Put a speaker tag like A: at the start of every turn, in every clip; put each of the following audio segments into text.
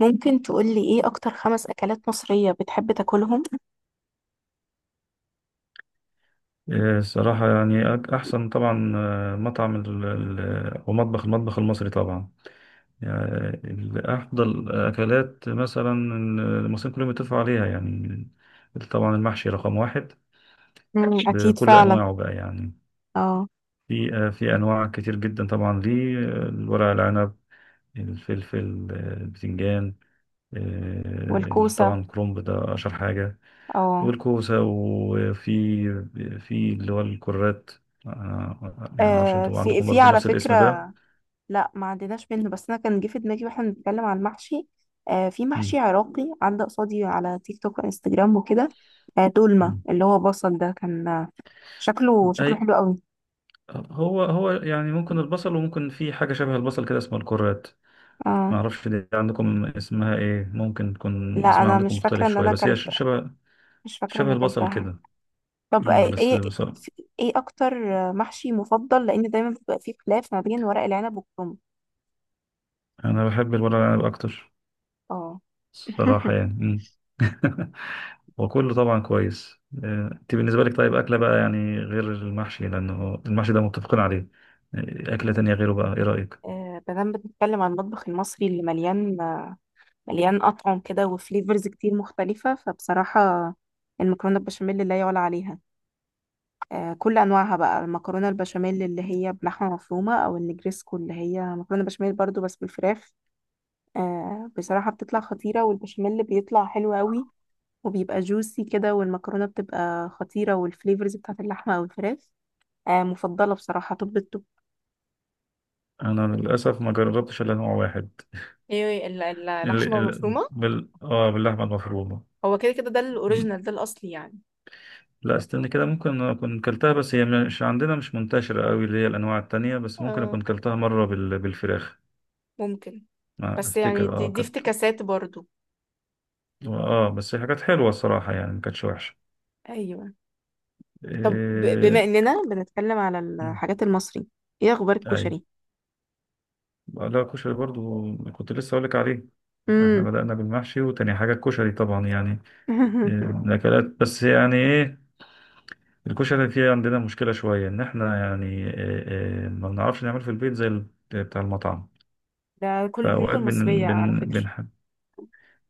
A: ممكن تقولي ايه اكتر خمس اكلات مصرية بتحب تاكلهم؟
B: إيه، الصراحة يعني أحسن طبعا مطعم أو المطبخ المصري طبعا يعني أفضل أكلات مثلا المصريين كلهم يتفقوا عليها يعني. طبعا المحشي رقم واحد
A: مم، أكيد
B: بكل
A: فعلا.
B: أنواعه بقى يعني.
A: اه.
B: في أنواع كتير جدا طبعا ليه الورق العنب، الفلفل البتنجان.
A: والكوسة.
B: طبعا الكرنب ده أشهر حاجة
A: اه.
B: والكوسة. وفي اللي هو الكرات. يعني معرفش انتوا
A: في
B: عندكم
A: في
B: برضو
A: على
B: نفس
A: فكرة.
B: الاسم ده.
A: لا ما عديناش منه، بس انا كان جه في دماغي واحنا بنتكلم عن المحشي. في
B: مم.
A: محشي عراقي عدى قصادي على تيك توك وانستجرام وكده. دولمة
B: مم.
A: اللي هو بصل ده كان شكله
B: اي،
A: شكله حلو قوي.
B: هو يعني ممكن البصل وممكن في حاجة شبه البصل كده اسمها الكرات.
A: آه.
B: معرفش دي عندكم اسمها ايه، ممكن تكون
A: لا،
B: اسمها
A: انا
B: عندكم
A: مش فاكره
B: مختلف
A: ان
B: شوية،
A: انا
B: بس هي ش-
A: اكلت،
B: شبه
A: مش فاكره
B: شبه
A: اني
B: البصل
A: اكلتها.
B: كده.
A: طب،
B: بس
A: ايه
B: بصراحة
A: ايه اكتر محشي مفضل؟ لان دايما بيبقى فيه خلاف ما بين ورق العنب والكرنب.
B: انا بحب الورق العنب اكتر
A: اه.
B: صراحة يعني. مم. وكله طبعا كويس، انت بالنسبة لك طيب أكلة بقى يعني غير المحشي لأنه المحشي ده متفقين عليه، أكلة تانية غيره بقى إيه رأيك؟
A: ما دام بنتكلم عن المطبخ المصري اللي مليان، مليان أطعم كده وفليفرز كتير مختلفة، فبصراحة المكرونة البشاميل لا يعلى عليها. كل أنواعها بقى، المكرونة البشاميل اللي هي بلحمة مفرومة، أو النجريسكو اللي هي مكرونة بشاميل برضو بس بالفراخ. بصراحة بتطلع خطيرة، والبشاميل اللي بيطلع حلو قوي وبيبقى جوسي كده، والمكرونة بتبقى خطيرة، والفليفرز بتاعت اللحمة أو الفراخ. مفضلة بصراحة توب التوب.
B: أنا للأسف ما جربتش إلا نوع واحد،
A: ايه
B: ال...
A: اللحمه
B: ال...
A: المفرومه.
B: بال... آه باللحمة المفرومة.
A: هو كده كده ده
B: م-
A: الاوريجينال، ده الاصلي يعني.
B: لا استنى كده، ممكن أكون كلتها، بس هي مش عندنا مش منتشرة قوي اللي هي الأنواع التانية، بس ممكن أكون
A: اه،
B: كلتها مرة بالفراخ.
A: ممكن.
B: ما
A: بس يعني
B: أفتكر
A: دي
B: كانت،
A: افتكاسات برضو.
B: بس هي كانت حلوة الصراحة يعني ما كانتش وحشة.
A: ايوه. طب، بما
B: إيه...
A: اننا بنتكلم على الحاجات المصري، ايه اخبار الكشري؟
B: أيوة. لا كشري برضو كنت لسه أقولك عليه. احنا
A: امم.
B: بدأنا بالمحشي وتاني حاجة الكشري طبعا يعني، إيه، من الأكلات، بس يعني ايه الكشري فيه عندنا مشكلة شوية إن احنا، يعني إيه إيه ما بنعرفش نعمله في البيت زي بتاع المطعم.
A: ده كل البيوت
B: فأوقات
A: المصريه
B: بن
A: على
B: بن
A: فكره.
B: بنحب.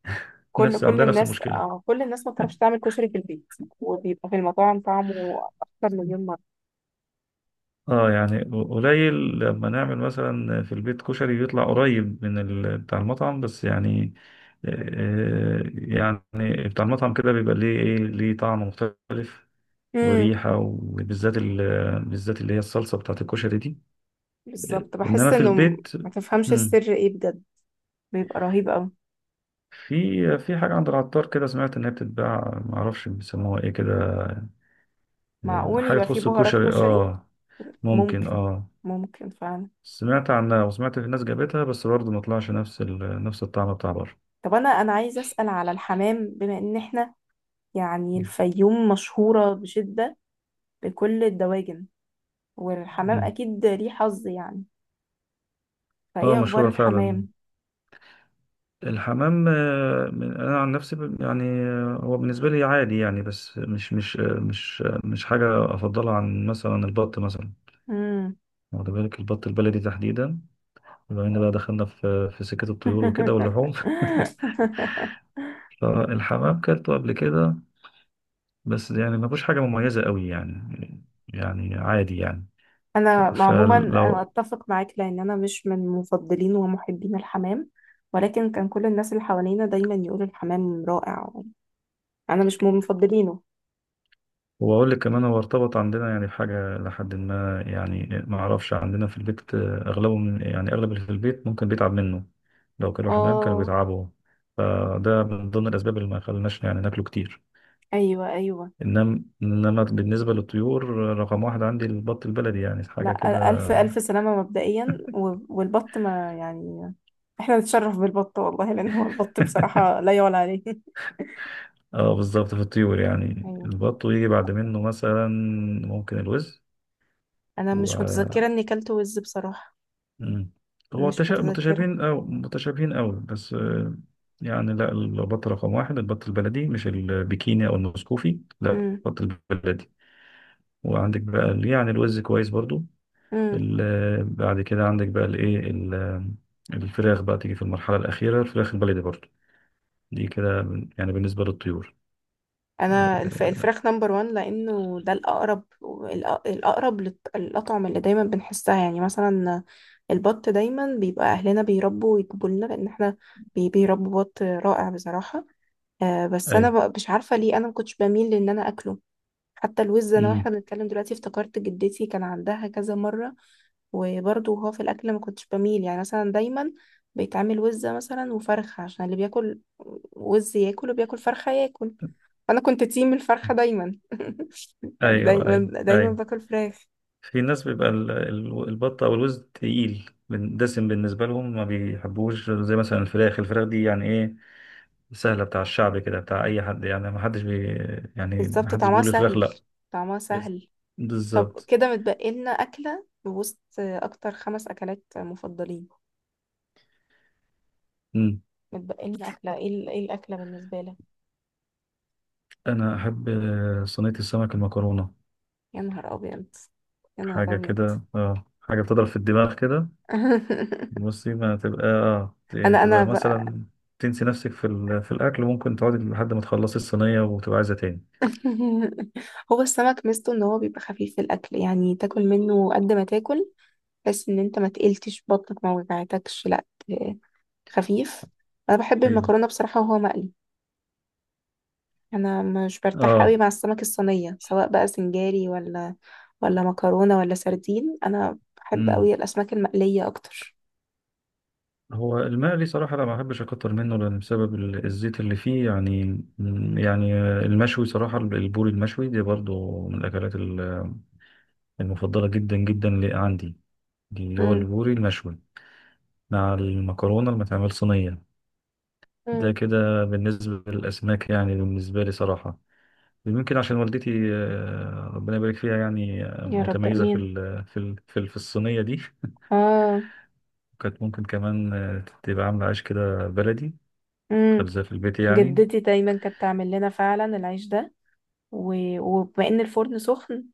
A: كل
B: نفس
A: كل
B: عندنا نفس
A: الناس،
B: المشكلة.
A: آه، كل الناس ما بتعرفش تعمل كشري في البيت، وبيبقى في المطاعم طعمه اكتر مليون مره.
B: اه يعني قليل لما نعمل مثلا في البيت كشري بيطلع قريب من بتاع المطعم، بس يعني، يعني بتاع المطعم كده بيبقى ليه ايه ليه طعم مختلف
A: امم.
B: وريحة، وبالذات ال... بالذات اللي هي الصلصة بتاعت الكشري دي،
A: بالظبط،
B: انما
A: بحس
B: في
A: انه
B: البيت.
A: ما تفهمش
B: مم،
A: السر ايه بجد. بيبقى رهيب قوي.
B: في حاجة عند العطار كده سمعت انها بتتباع، معرفش بيسموها ايه كده،
A: معقول
B: حاجة
A: يبقى فيه
B: تخص
A: بهارات
B: الكشري
A: كشري؟
B: اه.
A: ممكن.
B: ممكن اه.
A: ممكن فعلا.
B: سمعت عنها وسمعت في ناس جابتها بس برضه ما طلعش نفس الطعم بتاع بره.
A: طب انا، انا عايزه اسال على الحمام، بما ان احنا يعني الفيوم مشهوره بشده، بكل الدواجن، والحمام
B: مم.
A: اكيد ليه حظ يعني.
B: اه
A: فايه اخبار
B: مشهورة فعلا.
A: الحمام؟
B: الحمام انا عن نفسي يعني هو بالنسبة لي عادي يعني بس مش حاجة افضلها عن مثلا البط مثلا،
A: امم.
B: واخد بالك البط البلدي تحديدا، بما ان بقى دخلنا في سكة الطيور وكده واللحوم. فالحمام كلته قبل كده بس يعني ما فيهوش حاجة مميزة قوي يعني عادي يعني.
A: انا عموما انا
B: فلو
A: اتفق معاك، لان انا مش من مفضلين ومحبين الحمام. ولكن كان كل الناس اللي حوالينا دايما يقولوا الحمام رائع. انا مش من مفضلينه.
B: وأقول لك كمان هو ارتبط عندنا يعني بحاجة لحد ما يعني ما أعرفش عندنا في البيت، أغلبه من يعني أغلب اللي في البيت ممكن بيتعب منه. لو كانوا حمام كانوا
A: اه.
B: بيتعبوا، فده من ضمن الأسباب اللي ما خلناش يعني ناكله كتير.
A: ايوه ايوه.
B: إنما بالنسبة للطيور، رقم واحد عندي البط البلدي يعني حاجة كده.
A: لا، ألف ألف سلامة مبدئيا والبط ما يعني، احنا نتشرف بالبط والله، لأن هو البط بصراحة لا يعلى عليه.
B: اه بالظبط في الطيور يعني
A: أيوة.
B: البط، ويجي بعد منه مثلا ممكن الوز.
A: أنا مش متذكرة إني كلت وز بصراحة.
B: مم. هو
A: مش متذكرة.
B: متشابهين أو متشابهين أوي بس، يعني لا البط رقم واحد البط البلدي مش البكيني أو المسكوفي لا
A: مم.
B: البط البلدي. وعندك بقى يعني الوز كويس برضو.
A: مم.
B: بعد كده عندك بقى الفراخ بقى تيجي في المرحلة الأخيرة، الفراخ البلدي برضو. دي كده يعني بالنسبة للطيور.
A: أنا
B: آه،
A: الفراخ نمبر وان، لأنه ده الأقرب، الأقرب الأطعمة اللي دايما بنحسها يعني مثلا. البط دايما بيبقى أهلنا بيربوا ويجيبوا لنا، لأن احنا بيربوا بط رائع بصراحة. بس أنا
B: أيوة.
A: بقى مش عارفة ليه أنا مكنتش بميل لإن أنا أكله. حتى الوز، انا
B: مم.
A: واحنا بنتكلم دلوقتي افتكرت جدتي كان عندها كذا مره، وبرضه هو في الاكل ما كنتش بميل، يعني مثلا دايما بيتعمل وزه مثلا وفرخه، عشان اللي بياكل وز ياكل، وبياكل فرخه ياكل. انا كنت تيم الفرخه دايما.
B: أيوة
A: دايما
B: أيوة
A: دايما
B: أيوة.
A: باكل فراخ.
B: في ناس بيبقى البط او الوز تقيل دسم بالنسبه لهم ما بيحبوش زي مثلا الفراخ، الفراخ دي يعني ايه سهله بتاع الشعب كده بتاع اي حد يعني ما حدش بي يعني ما
A: بالظبط،
B: حدش
A: طعمها
B: بيقول الفراخ
A: سهل،
B: لا.
A: طعمها
B: بس
A: سهل. طب
B: بالظبط.
A: كده متبقي لنا اكله وسط اكتر خمس اكلات مفضلين،
B: مم.
A: متبقي لنا اكله ايه؟ إيه الاكله بالنسبه لك؟
B: انا احب صينيه السمك المكرونه،
A: يا نهار ابيض، يا نهار
B: حاجه
A: ابيض.
B: كده حاجه بتضرب في الدماغ كده. بصي ما تبقى
A: انا
B: تبقى
A: بقى.
B: مثلا تنسي نفسك في الاكل وممكن تقعدي لحد ما تخلصي الصينيه وتبقى عايزه تاني.
A: هو السمك ميزته ان هو بيبقى خفيف في الاكل، يعني تاكل منه قد ما تاكل، بس ان انت ما تقلتش بطنك، ما وجعتكش، لا خفيف. انا بحب
B: ايوه
A: المكرونه بصراحه، وهو مقلي. انا مش برتاح قوي
B: اه.
A: مع السمك الصينيه، سواء بقى سنجاري ولا مكرونه ولا سردين. انا بحب قوي
B: مم.
A: الاسماك المقليه اكتر.
B: هو المقلي صراحة أنا ما بحبش أكتر منه لأن بسبب الزيت اللي فيه يعني المشوي صراحة البوري المشوي دي برضو من الأكلات المفضلة جدا جدا اللي عندي، اللي هو
A: امم.
B: البوري المشوي مع المكرونة اللي متعمل صينية. ده
A: امم.
B: كده بالنسبة للأسماك يعني، بالنسبة لي صراحة يمكن عشان والدتي، ربنا يبارك فيها يعني،
A: يا رب
B: متميزة
A: امين.
B: في الصينية دي.
A: اه.
B: كانت ممكن كمان، تبقى عاملة عيش كده بلدي،
A: امم.
B: خبزة في البيت يعني.
A: جدتي دايما كانت تعمل لنا فعلا العيش ده وبما ان الفرن سخن،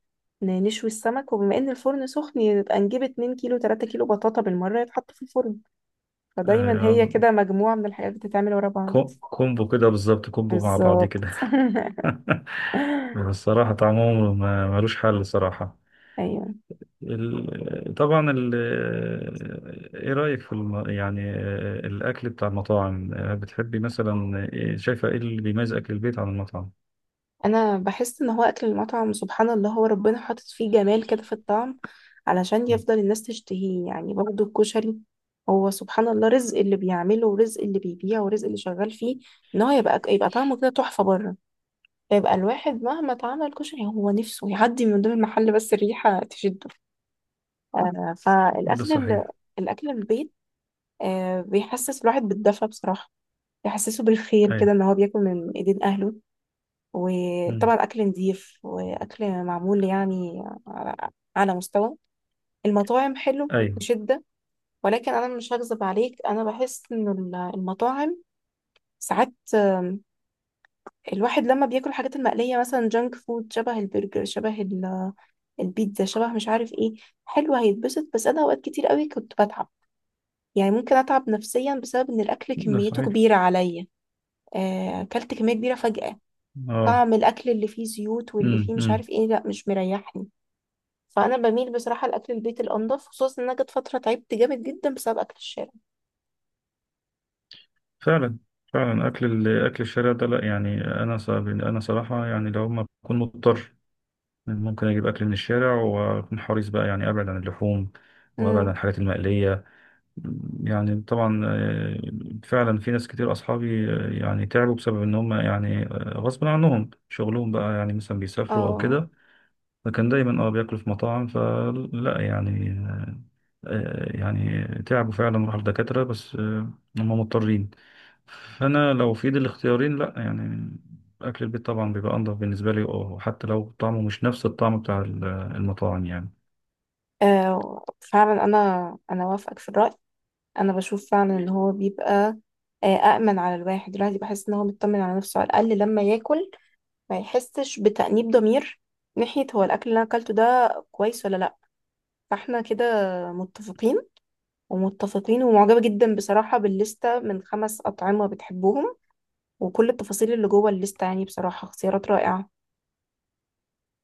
A: نشوي السمك، وبما ان الفرن سخن يبقى نجيب 2 كيلو 3 كيلو بطاطا بالمرة يتحط في الفرن. فدايما هي
B: أيوة.
A: كده مجموعة من الحاجات بتتعمل ورا بعض.
B: كومبو كده بالظبط كومبو مع بعض
A: بالظبط.
B: كده. الصراحة طعمهم ملوش حل صراحة.
A: ايوه.
B: طبعا ايه رأيك في يعني الأكل بتاع المطاعم، بتحبي مثلا شايفة ايه اللي بيميز أكل البيت عن المطعم؟
A: انا بحس ان هو اكل المطعم سبحان الله هو ربنا حاطط فيه جمال كده في الطعم، علشان يفضل الناس تشتهيه، يعني برضه الكشري، هو سبحان الله رزق اللي بيعمله ورزق اللي بيبيعه ورزق اللي شغال فيه، ان هو يبقى، يبقى طعمه كده تحفة بره، فيبقى الواحد مهما اتعمل كشري هو نفسه يعدي من قدام المحل بس الريحة تشده.
B: ده
A: فالأكل
B: صحيح.
A: الأكل البيت، آه، بيحسس الواحد بالدفى بصراحة، بيحسسه بالخير
B: أيوة.
A: كده، إن هو بياكل من إيدين أهله،
B: أمم.
A: وطبعا أكل نضيف وأكل معمول يعني على، على مستوى المطاعم حلو
B: أيوة.
A: بشدة. ولكن أنا مش هكذب عليك، أنا بحس إن المطاعم ساعات، الواحد لما بياكل الحاجات المقلية مثلا جانك فود، شبه البرجر، شبه البيتزا، شبه مش عارف ايه، حلو، هيتبسط، بس انا اوقات كتير قوي كنت بتعب، يعني ممكن اتعب نفسيا بسبب ان الاكل
B: ده
A: كميته
B: صحيح
A: كبيره عليا. اكلت كميه كبيره فجاه،
B: اه.
A: طعم الاكل اللي فيه زيوت واللي
B: أمم،
A: فيه مش
B: أمم.
A: عارف ايه، لا مش مريحني. فانا بميل بصراحه لاكل البيت الانضف، خصوصا ان انا جت فتره تعبت جامد جدا بسبب اكل الشارع.
B: فعلا. فعلا أكل الشارع ده لا يعني أنا أنا صراحة يعني، لو ما أكون مضطر ممكن اجيب اكل من الشارع واكون حريص بقى يعني ابعد عن اللحوم وابعد عن
A: امم.
B: الحاجات المقليه. يعني طبعا، فعلا في ناس كتير اصحابي، يعني تعبوا بسبب ان هم يعني، غصب عنهم شغلهم بقى يعني مثلا بيسافروا او
A: اه.
B: كده، فكان دايما بياكلوا في مطاعم فلا يعني، يعني تعبوا فعلا راحوا لدكاتره بس، هم مضطرين. انا لو في ايدي الاختيارين لا يعني اكل البيت طبعا بيبقى انضف بالنسبه لي اه، وحتى لو طعمه مش نفس الطعم بتاع المطاعم يعني
A: فعلا. انا انا وافقك في الراي، انا بشوف فعلا ان هو بيبقى، آه، أأمن على الواحد، الواحد بحس إن هو مطمن على نفسه على الأقل لما ياكل، ما يحسش بتأنيب ضمير ناحية هو الأكل اللي أنا أكلته ده كويس ولا لأ. فاحنا كده متفقين، ومتفقين ومعجبة جدا بصراحة بالليستة من خمس أطعمة بتحبهم، وكل التفاصيل اللي جوه الليستة يعني بصراحة اختيارات رائعة.